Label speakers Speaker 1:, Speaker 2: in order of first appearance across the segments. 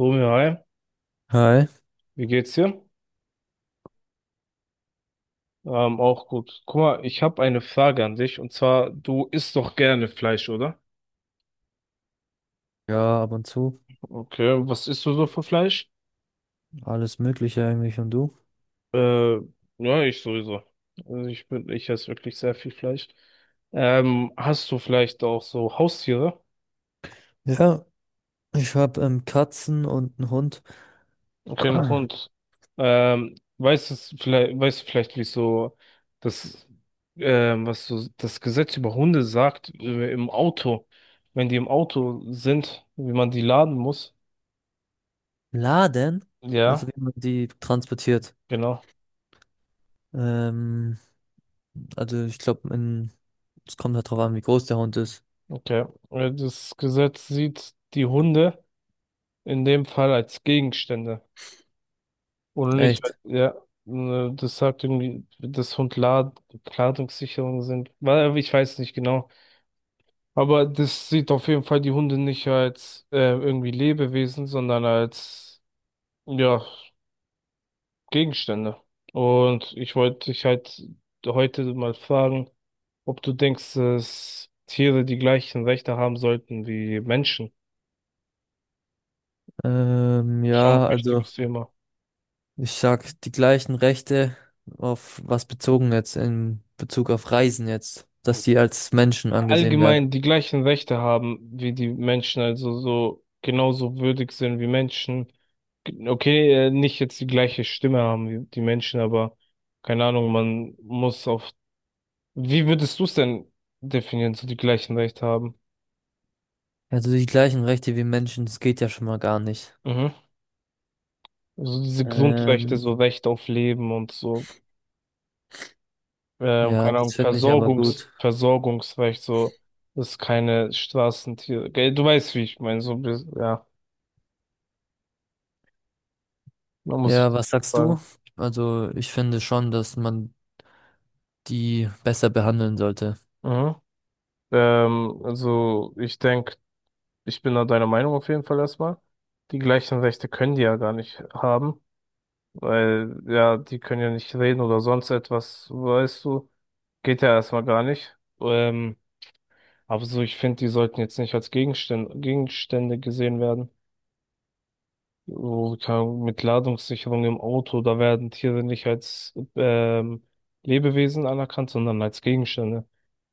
Speaker 1: Romeo, hi,
Speaker 2: Hi.
Speaker 1: wie geht's dir? Auch gut. Guck mal, ich habe eine Frage an dich und zwar, du isst doch gerne Fleisch, oder?
Speaker 2: Ja, ab und zu.
Speaker 1: Okay, was isst du so für Fleisch?
Speaker 2: Alles Mögliche eigentlich, und du?
Speaker 1: Äh, ja, ich sowieso. Ich esse wirklich sehr viel Fleisch. Hast du vielleicht auch so Haustiere?
Speaker 2: Ja, ich habe Katzen und einen Hund.
Speaker 1: Okay, einen Hund. Weißt du vielleicht, wie so das, was so das Gesetz über Hunde sagt, im Auto, wenn die im Auto sind, wie man die laden muss?
Speaker 2: Laden? Also
Speaker 1: Ja,
Speaker 2: wie man die transportiert.
Speaker 1: genau.
Speaker 2: Ähm, also ich glaube, es kommt halt drauf an, wie groß der Hund ist.
Speaker 1: Okay. Das Gesetz sieht die Hunde in dem Fall als Gegenstände. Oder nicht? Als-
Speaker 2: Echt?
Speaker 1: ja, das sagt irgendwie, dass Hund Lad Ladungssicherung sind. Weil, ich weiß nicht genau. Aber das sieht auf jeden Fall die Hunde nicht als irgendwie Lebewesen, sondern als, ja, Gegenstände. Und ich wollte dich halt heute mal fragen, ob du denkst, dass Tiere die gleichen Rechte haben sollten wie Menschen. Schon
Speaker 2: Ja,
Speaker 1: ein
Speaker 2: also
Speaker 1: wichtiges Thema.
Speaker 2: ich sag, die gleichen Rechte auf was bezogen jetzt? In Bezug auf Reisen jetzt, dass die als Menschen angesehen werden?
Speaker 1: Allgemein die gleichen Rechte haben wie die Menschen, also so genauso würdig sind wie Menschen. Okay, nicht jetzt die gleiche Stimme haben wie die Menschen, aber keine Ahnung, man muss auf. Wie würdest du es denn definieren, so die gleichen Rechte haben?
Speaker 2: Also die gleichen Rechte wie Menschen, das geht ja schon mal gar nicht.
Speaker 1: Mhm. So diese Grundrechte,
Speaker 2: Ähm,
Speaker 1: so Recht auf Leben und so,
Speaker 2: Ja,
Speaker 1: keine
Speaker 2: das
Speaker 1: Ahnung,
Speaker 2: finde ich aber gut.
Speaker 1: Versorgungsrecht, so, dass keine Straßentiere. Gell, du weißt, wie ich meine, so, bis- ja. Da muss ich
Speaker 2: Ja, was sagst du?
Speaker 1: sagen.
Speaker 2: Also, ich finde schon, dass man die besser behandeln sollte.
Speaker 1: Mhm. Also ich denke, ich bin da deiner Meinung auf jeden Fall erstmal. Die gleichen Rechte können die ja gar nicht haben, weil ja, die können ja nicht reden oder sonst etwas, weißt du. Geht ja erstmal gar nicht. Aber so, ich finde, die sollten jetzt nicht als Gegenstände gesehen werden. So, keine Ahnung, mit Ladungssicherung im Auto, da werden Tiere nicht als Lebewesen anerkannt, sondern als Gegenstände.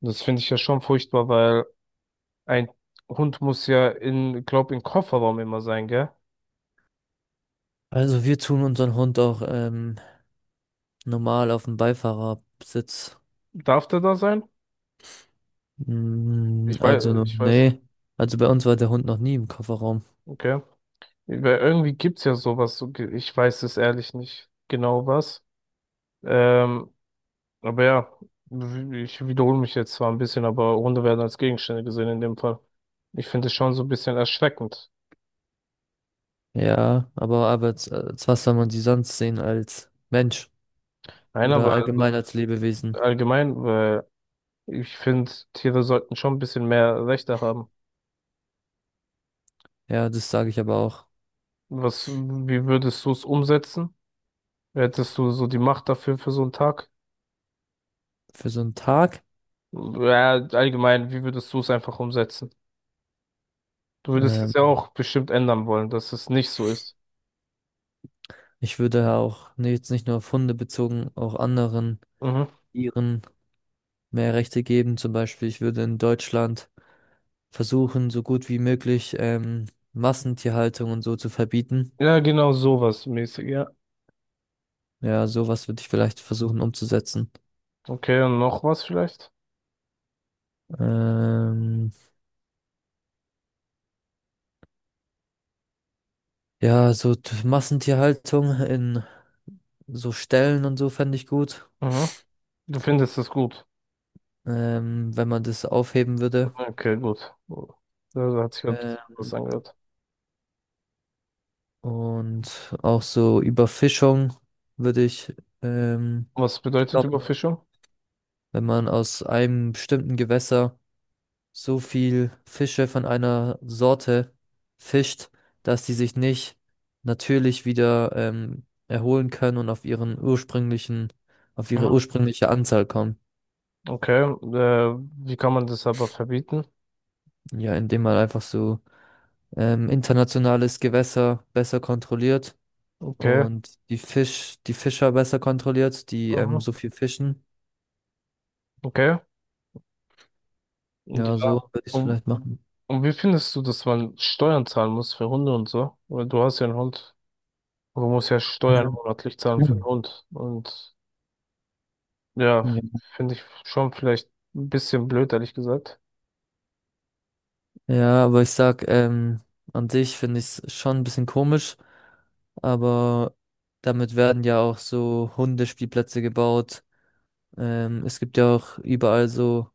Speaker 1: Und das finde ich ja schon furchtbar, weil ein Hund muss ja in, glaub, im Kofferraum immer sein, gell?
Speaker 2: Also, wir tun unseren Hund auch normal auf dem Beifahrersitz.
Speaker 1: Darf der da sein?
Speaker 2: Mm, also,
Speaker 1: Ich weiß,
Speaker 2: nee. Also, bei uns war der Hund noch nie im Kofferraum.
Speaker 1: okay. Weil irgendwie gibt's ja sowas, so ge- ich weiß es ehrlich nicht genau was. Ähm, aber ja, w- ich wiederhole mich jetzt zwar ein bisschen, aber Hunde werden als Gegenstände gesehen in dem Fall. Ich finde es schon so ein bisschen erschreckend.
Speaker 2: Ja, aber als was soll man sie sonst sehen, als Mensch
Speaker 1: Nein,
Speaker 2: oder
Speaker 1: aber also
Speaker 2: allgemein als Lebewesen?
Speaker 1: allgemein, weil ich finde, Tiere sollten schon ein bisschen mehr Rechte haben.
Speaker 2: Ja, das sage ich aber auch,
Speaker 1: Was, wie würdest du es umsetzen? Hättest du so die Macht dafür für so einen Tag?
Speaker 2: für so einen Tag.
Speaker 1: Ja, allgemein, wie würdest du es einfach umsetzen? Du würdest es
Speaker 2: Ähm,
Speaker 1: ja auch bestimmt ändern wollen, dass es nicht so ist.
Speaker 2: Ich würde auch, nee, jetzt nicht nur auf Hunde bezogen, auch anderen
Speaker 1: Mhm.
Speaker 2: Tieren mehr Rechte geben. Zum Beispiel, ich würde in Deutschland versuchen, so gut wie möglich Massentierhaltung und so zu verbieten.
Speaker 1: Ja, genau sowas mäßig, ja.
Speaker 2: Ja, sowas würde ich vielleicht versuchen umzusetzen.
Speaker 1: Okay, und noch was vielleicht?
Speaker 2: Ähm, ja, so Massentierhaltung in so Ställen und so fände ich gut,
Speaker 1: Mhm. Du findest es gut.
Speaker 2: wenn man das aufheben würde.
Speaker 1: Okay, gut. Ja, da hat sich halt was
Speaker 2: Ähm,
Speaker 1: angehört.
Speaker 2: und auch so Überfischung würde ich ähm,
Speaker 1: Was bedeutet
Speaker 2: stoppen,
Speaker 1: Überfischung?
Speaker 2: wenn man aus einem bestimmten Gewässer so viel Fische von einer Sorte fischt, dass die sich nicht natürlich wieder erholen können und auf ihren ursprünglichen, auf ihre
Speaker 1: Mhm.
Speaker 2: ursprüngliche Anzahl kommen.
Speaker 1: Okay, wie kann man das aber verbieten?
Speaker 2: Ja, indem man einfach so internationales Gewässer besser kontrolliert
Speaker 1: Okay,
Speaker 2: und die Fischer besser kontrolliert, die
Speaker 1: mhm.
Speaker 2: so viel fischen.
Speaker 1: Okay,
Speaker 2: Ja,
Speaker 1: ja.
Speaker 2: so würde ich es
Speaker 1: Und
Speaker 2: vielleicht machen.
Speaker 1: Und wie findest du, dass man Steuern zahlen muss für Hunde und so? Weil du hast ja einen Hund. Du musst ja Steuern monatlich zahlen für einen
Speaker 2: Mhm.
Speaker 1: Hund. Und ja,
Speaker 2: Ja.
Speaker 1: finde ich schon vielleicht ein bisschen blöd, ehrlich gesagt.
Speaker 2: Ja, aber ich sag, an sich finde ich es schon ein bisschen komisch, aber damit werden ja auch so Hundespielplätze gebaut. Es gibt ja auch überall so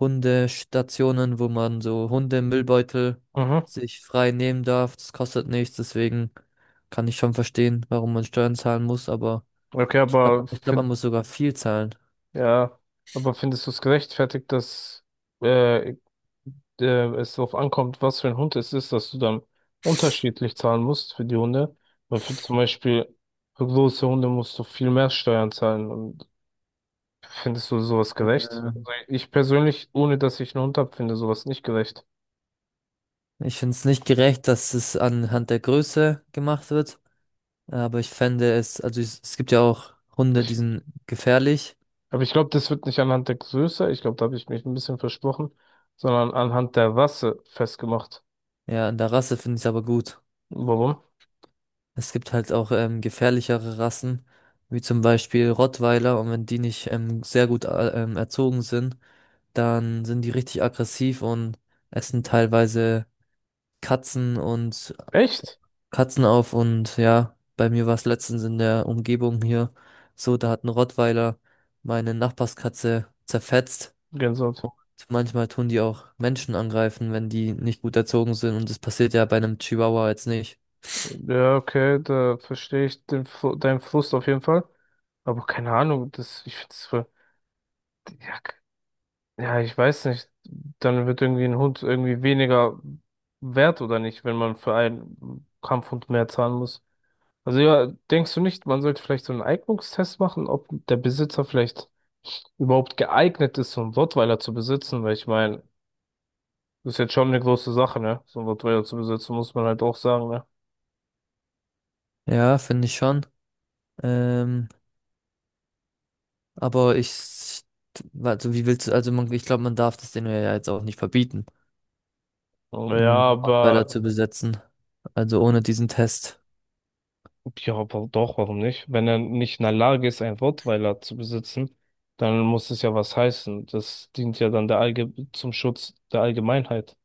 Speaker 2: Hundestationen, wo man so Hundemüllbeutel
Speaker 1: Mhm.
Speaker 2: sich frei nehmen darf. Das kostet nichts, deswegen kann ich schon verstehen, warum man Steuern zahlen muss, aber
Speaker 1: Okay,
Speaker 2: ich glaube,
Speaker 1: aber
Speaker 2: ich glaub,
Speaker 1: find,
Speaker 2: man muss sogar viel zahlen.
Speaker 1: ja, aber findest du es gerechtfertigt, dass äh, äh, es darauf ankommt, was für ein Hund es ist, dass du dann unterschiedlich zahlen musst für die Hunde? Weil für zum Beispiel für große Hunde musst du viel mehr Steuern zahlen. Findest du sowas gerecht?
Speaker 2: Ähm,
Speaker 1: Also ich persönlich, ohne dass ich einen Hund habe, finde sowas nicht gerecht.
Speaker 2: Ich finde es nicht gerecht, dass es anhand der Größe gemacht wird. Aber ich fände es, also es, gibt ja auch Hunde, die
Speaker 1: Ich,
Speaker 2: sind gefährlich.
Speaker 1: Aber ich glaube, das wird nicht anhand der Größe, ich glaube, da habe ich mich ein bisschen versprochen, sondern anhand der Rasse festgemacht.
Speaker 2: Ja, an der Rasse finde ich es aber gut.
Speaker 1: Warum?
Speaker 2: Es gibt halt auch gefährlichere Rassen, wie zum Beispiel Rottweiler. Und wenn die nicht sehr gut, erzogen sind, dann sind die richtig aggressiv und essen teilweise Katzen und
Speaker 1: Echt?
Speaker 2: Katzen auf. Und ja, bei mir war es letztens in der Umgebung hier so, da hat ein Rottweiler meine Nachbarskatze zerfetzt.
Speaker 1: Gänsehaut.
Speaker 2: Manchmal tun die auch Menschen angreifen, wenn die nicht gut erzogen sind, und das passiert ja bei einem Chihuahua jetzt nicht.
Speaker 1: Ja, okay, da verstehe ich den, Fr- deinen Frust auf jeden Fall. Aber keine Ahnung, das, ich finde es voll, ja, k- ja, ich weiß nicht. Dann wird irgendwie ein Hund irgendwie weniger wert oder nicht, wenn man für einen Kampfhund mehr zahlen muss. Also ja, denkst du nicht, man sollte vielleicht so einen Eignungstest machen, ob der Besitzer vielleicht überhaupt geeignet ist, so einen Rottweiler zu besitzen? Weil ich meine, das ist jetzt schon eine große Sache, ne? So einen Rottweiler zu besitzen, muss man halt auch sagen, ne?
Speaker 2: Ja, finde ich schon. Ähm, aber also wie willst du, also man, ich glaube, man darf das denen ja jetzt auch nicht verbieten, einen
Speaker 1: Ja,
Speaker 2: Rottweiler
Speaker 1: aber
Speaker 2: zu besetzen. Also ohne diesen Test.
Speaker 1: ja, aber doch, warum nicht? Wenn er nicht in der Lage ist, einen Rottweiler zu besitzen, dann muss es ja was heißen. Das dient ja dann der Allge zum Schutz der Allgemeinheit.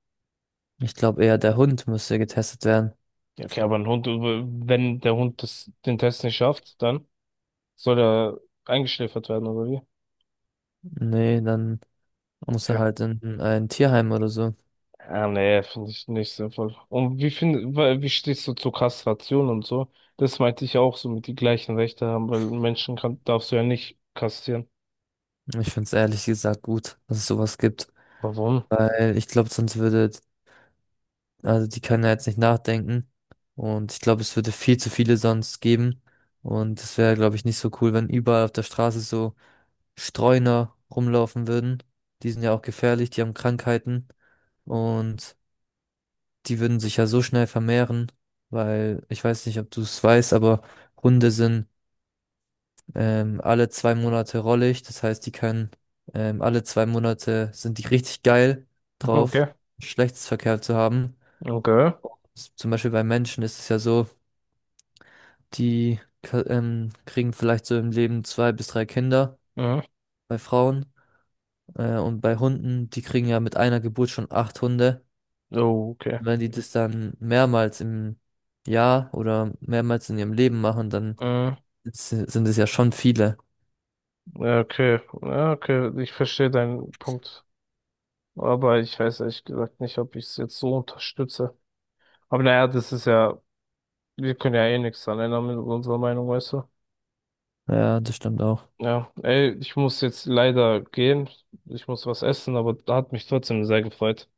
Speaker 2: Ich glaube eher, der Hund müsste getestet werden.
Speaker 1: Ja, okay, aber ein Hund, wenn der Hund den Test nicht schafft, dann soll er eingeschläfert werden, oder wie?
Speaker 2: Nee, dann muss er
Speaker 1: Okay.
Speaker 2: halt in ein Tierheim oder so.
Speaker 1: Nee, finde ich nicht sinnvoll. Und wie find, wa- wie stehst du zur Kastration und so? Das meinte ich auch, so mit die gleichen Rechte haben, weil einen Menschen kann, darfst du ja nicht kastrieren.
Speaker 2: Ich finde es ehrlich gesagt gut, dass es sowas gibt.
Speaker 1: Warum?
Speaker 2: Weil ich glaube, sonst würde also die können ja jetzt nicht nachdenken. Und ich glaube, es würde viel zu viele sonst geben. Und es wäre, glaube ich, nicht so cool, wenn überall auf der Straße so Streuner rumlaufen würden. Die sind ja auch gefährlich, die haben Krankheiten. Und die würden sich ja so schnell vermehren, weil, ich weiß nicht, ob du es weißt, aber Hunde sind alle 2 Monate rollig. Das heißt, die können, alle 2 Monate sind die richtig geil drauf,
Speaker 1: Okay,
Speaker 2: Geschlechtsverkehr zu haben.
Speaker 1: okay,
Speaker 2: Zum Beispiel bei Menschen ist es ja so, kriegen vielleicht so im Leben zwei bis drei Kinder,
Speaker 1: mhm.
Speaker 2: bei Frauen. Und bei Hunden, die kriegen ja mit einer Geburt schon acht Hunde.
Speaker 1: Oh, okay,
Speaker 2: Und wenn die das dann mehrmals im Jahr oder mehrmals in ihrem Leben machen, dann
Speaker 1: mhm.
Speaker 2: sind es ja schon viele.
Speaker 1: Ja, okay, ja, okay, ich verstehe deinen Punkt. Aber ich weiß ehrlich gesagt nicht, ob ich es jetzt so unterstütze. Aber naja, das ist ja, wir können ja eh nichts dran ändern mit unserer Meinung, weißt du?
Speaker 2: Ja, das stimmt auch.
Speaker 1: Ja, ey, ich muss jetzt leider gehen. Ich muss was essen, aber hat mich trotzdem sehr gefreut.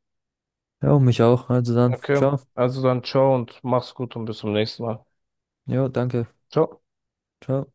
Speaker 2: Ja, und mich auch. Also dann,
Speaker 1: Okay,
Speaker 2: ciao.
Speaker 1: also dann ciao und mach's gut und bis zum nächsten Mal.
Speaker 2: Jo, danke.
Speaker 1: Ciao.
Speaker 2: Ciao.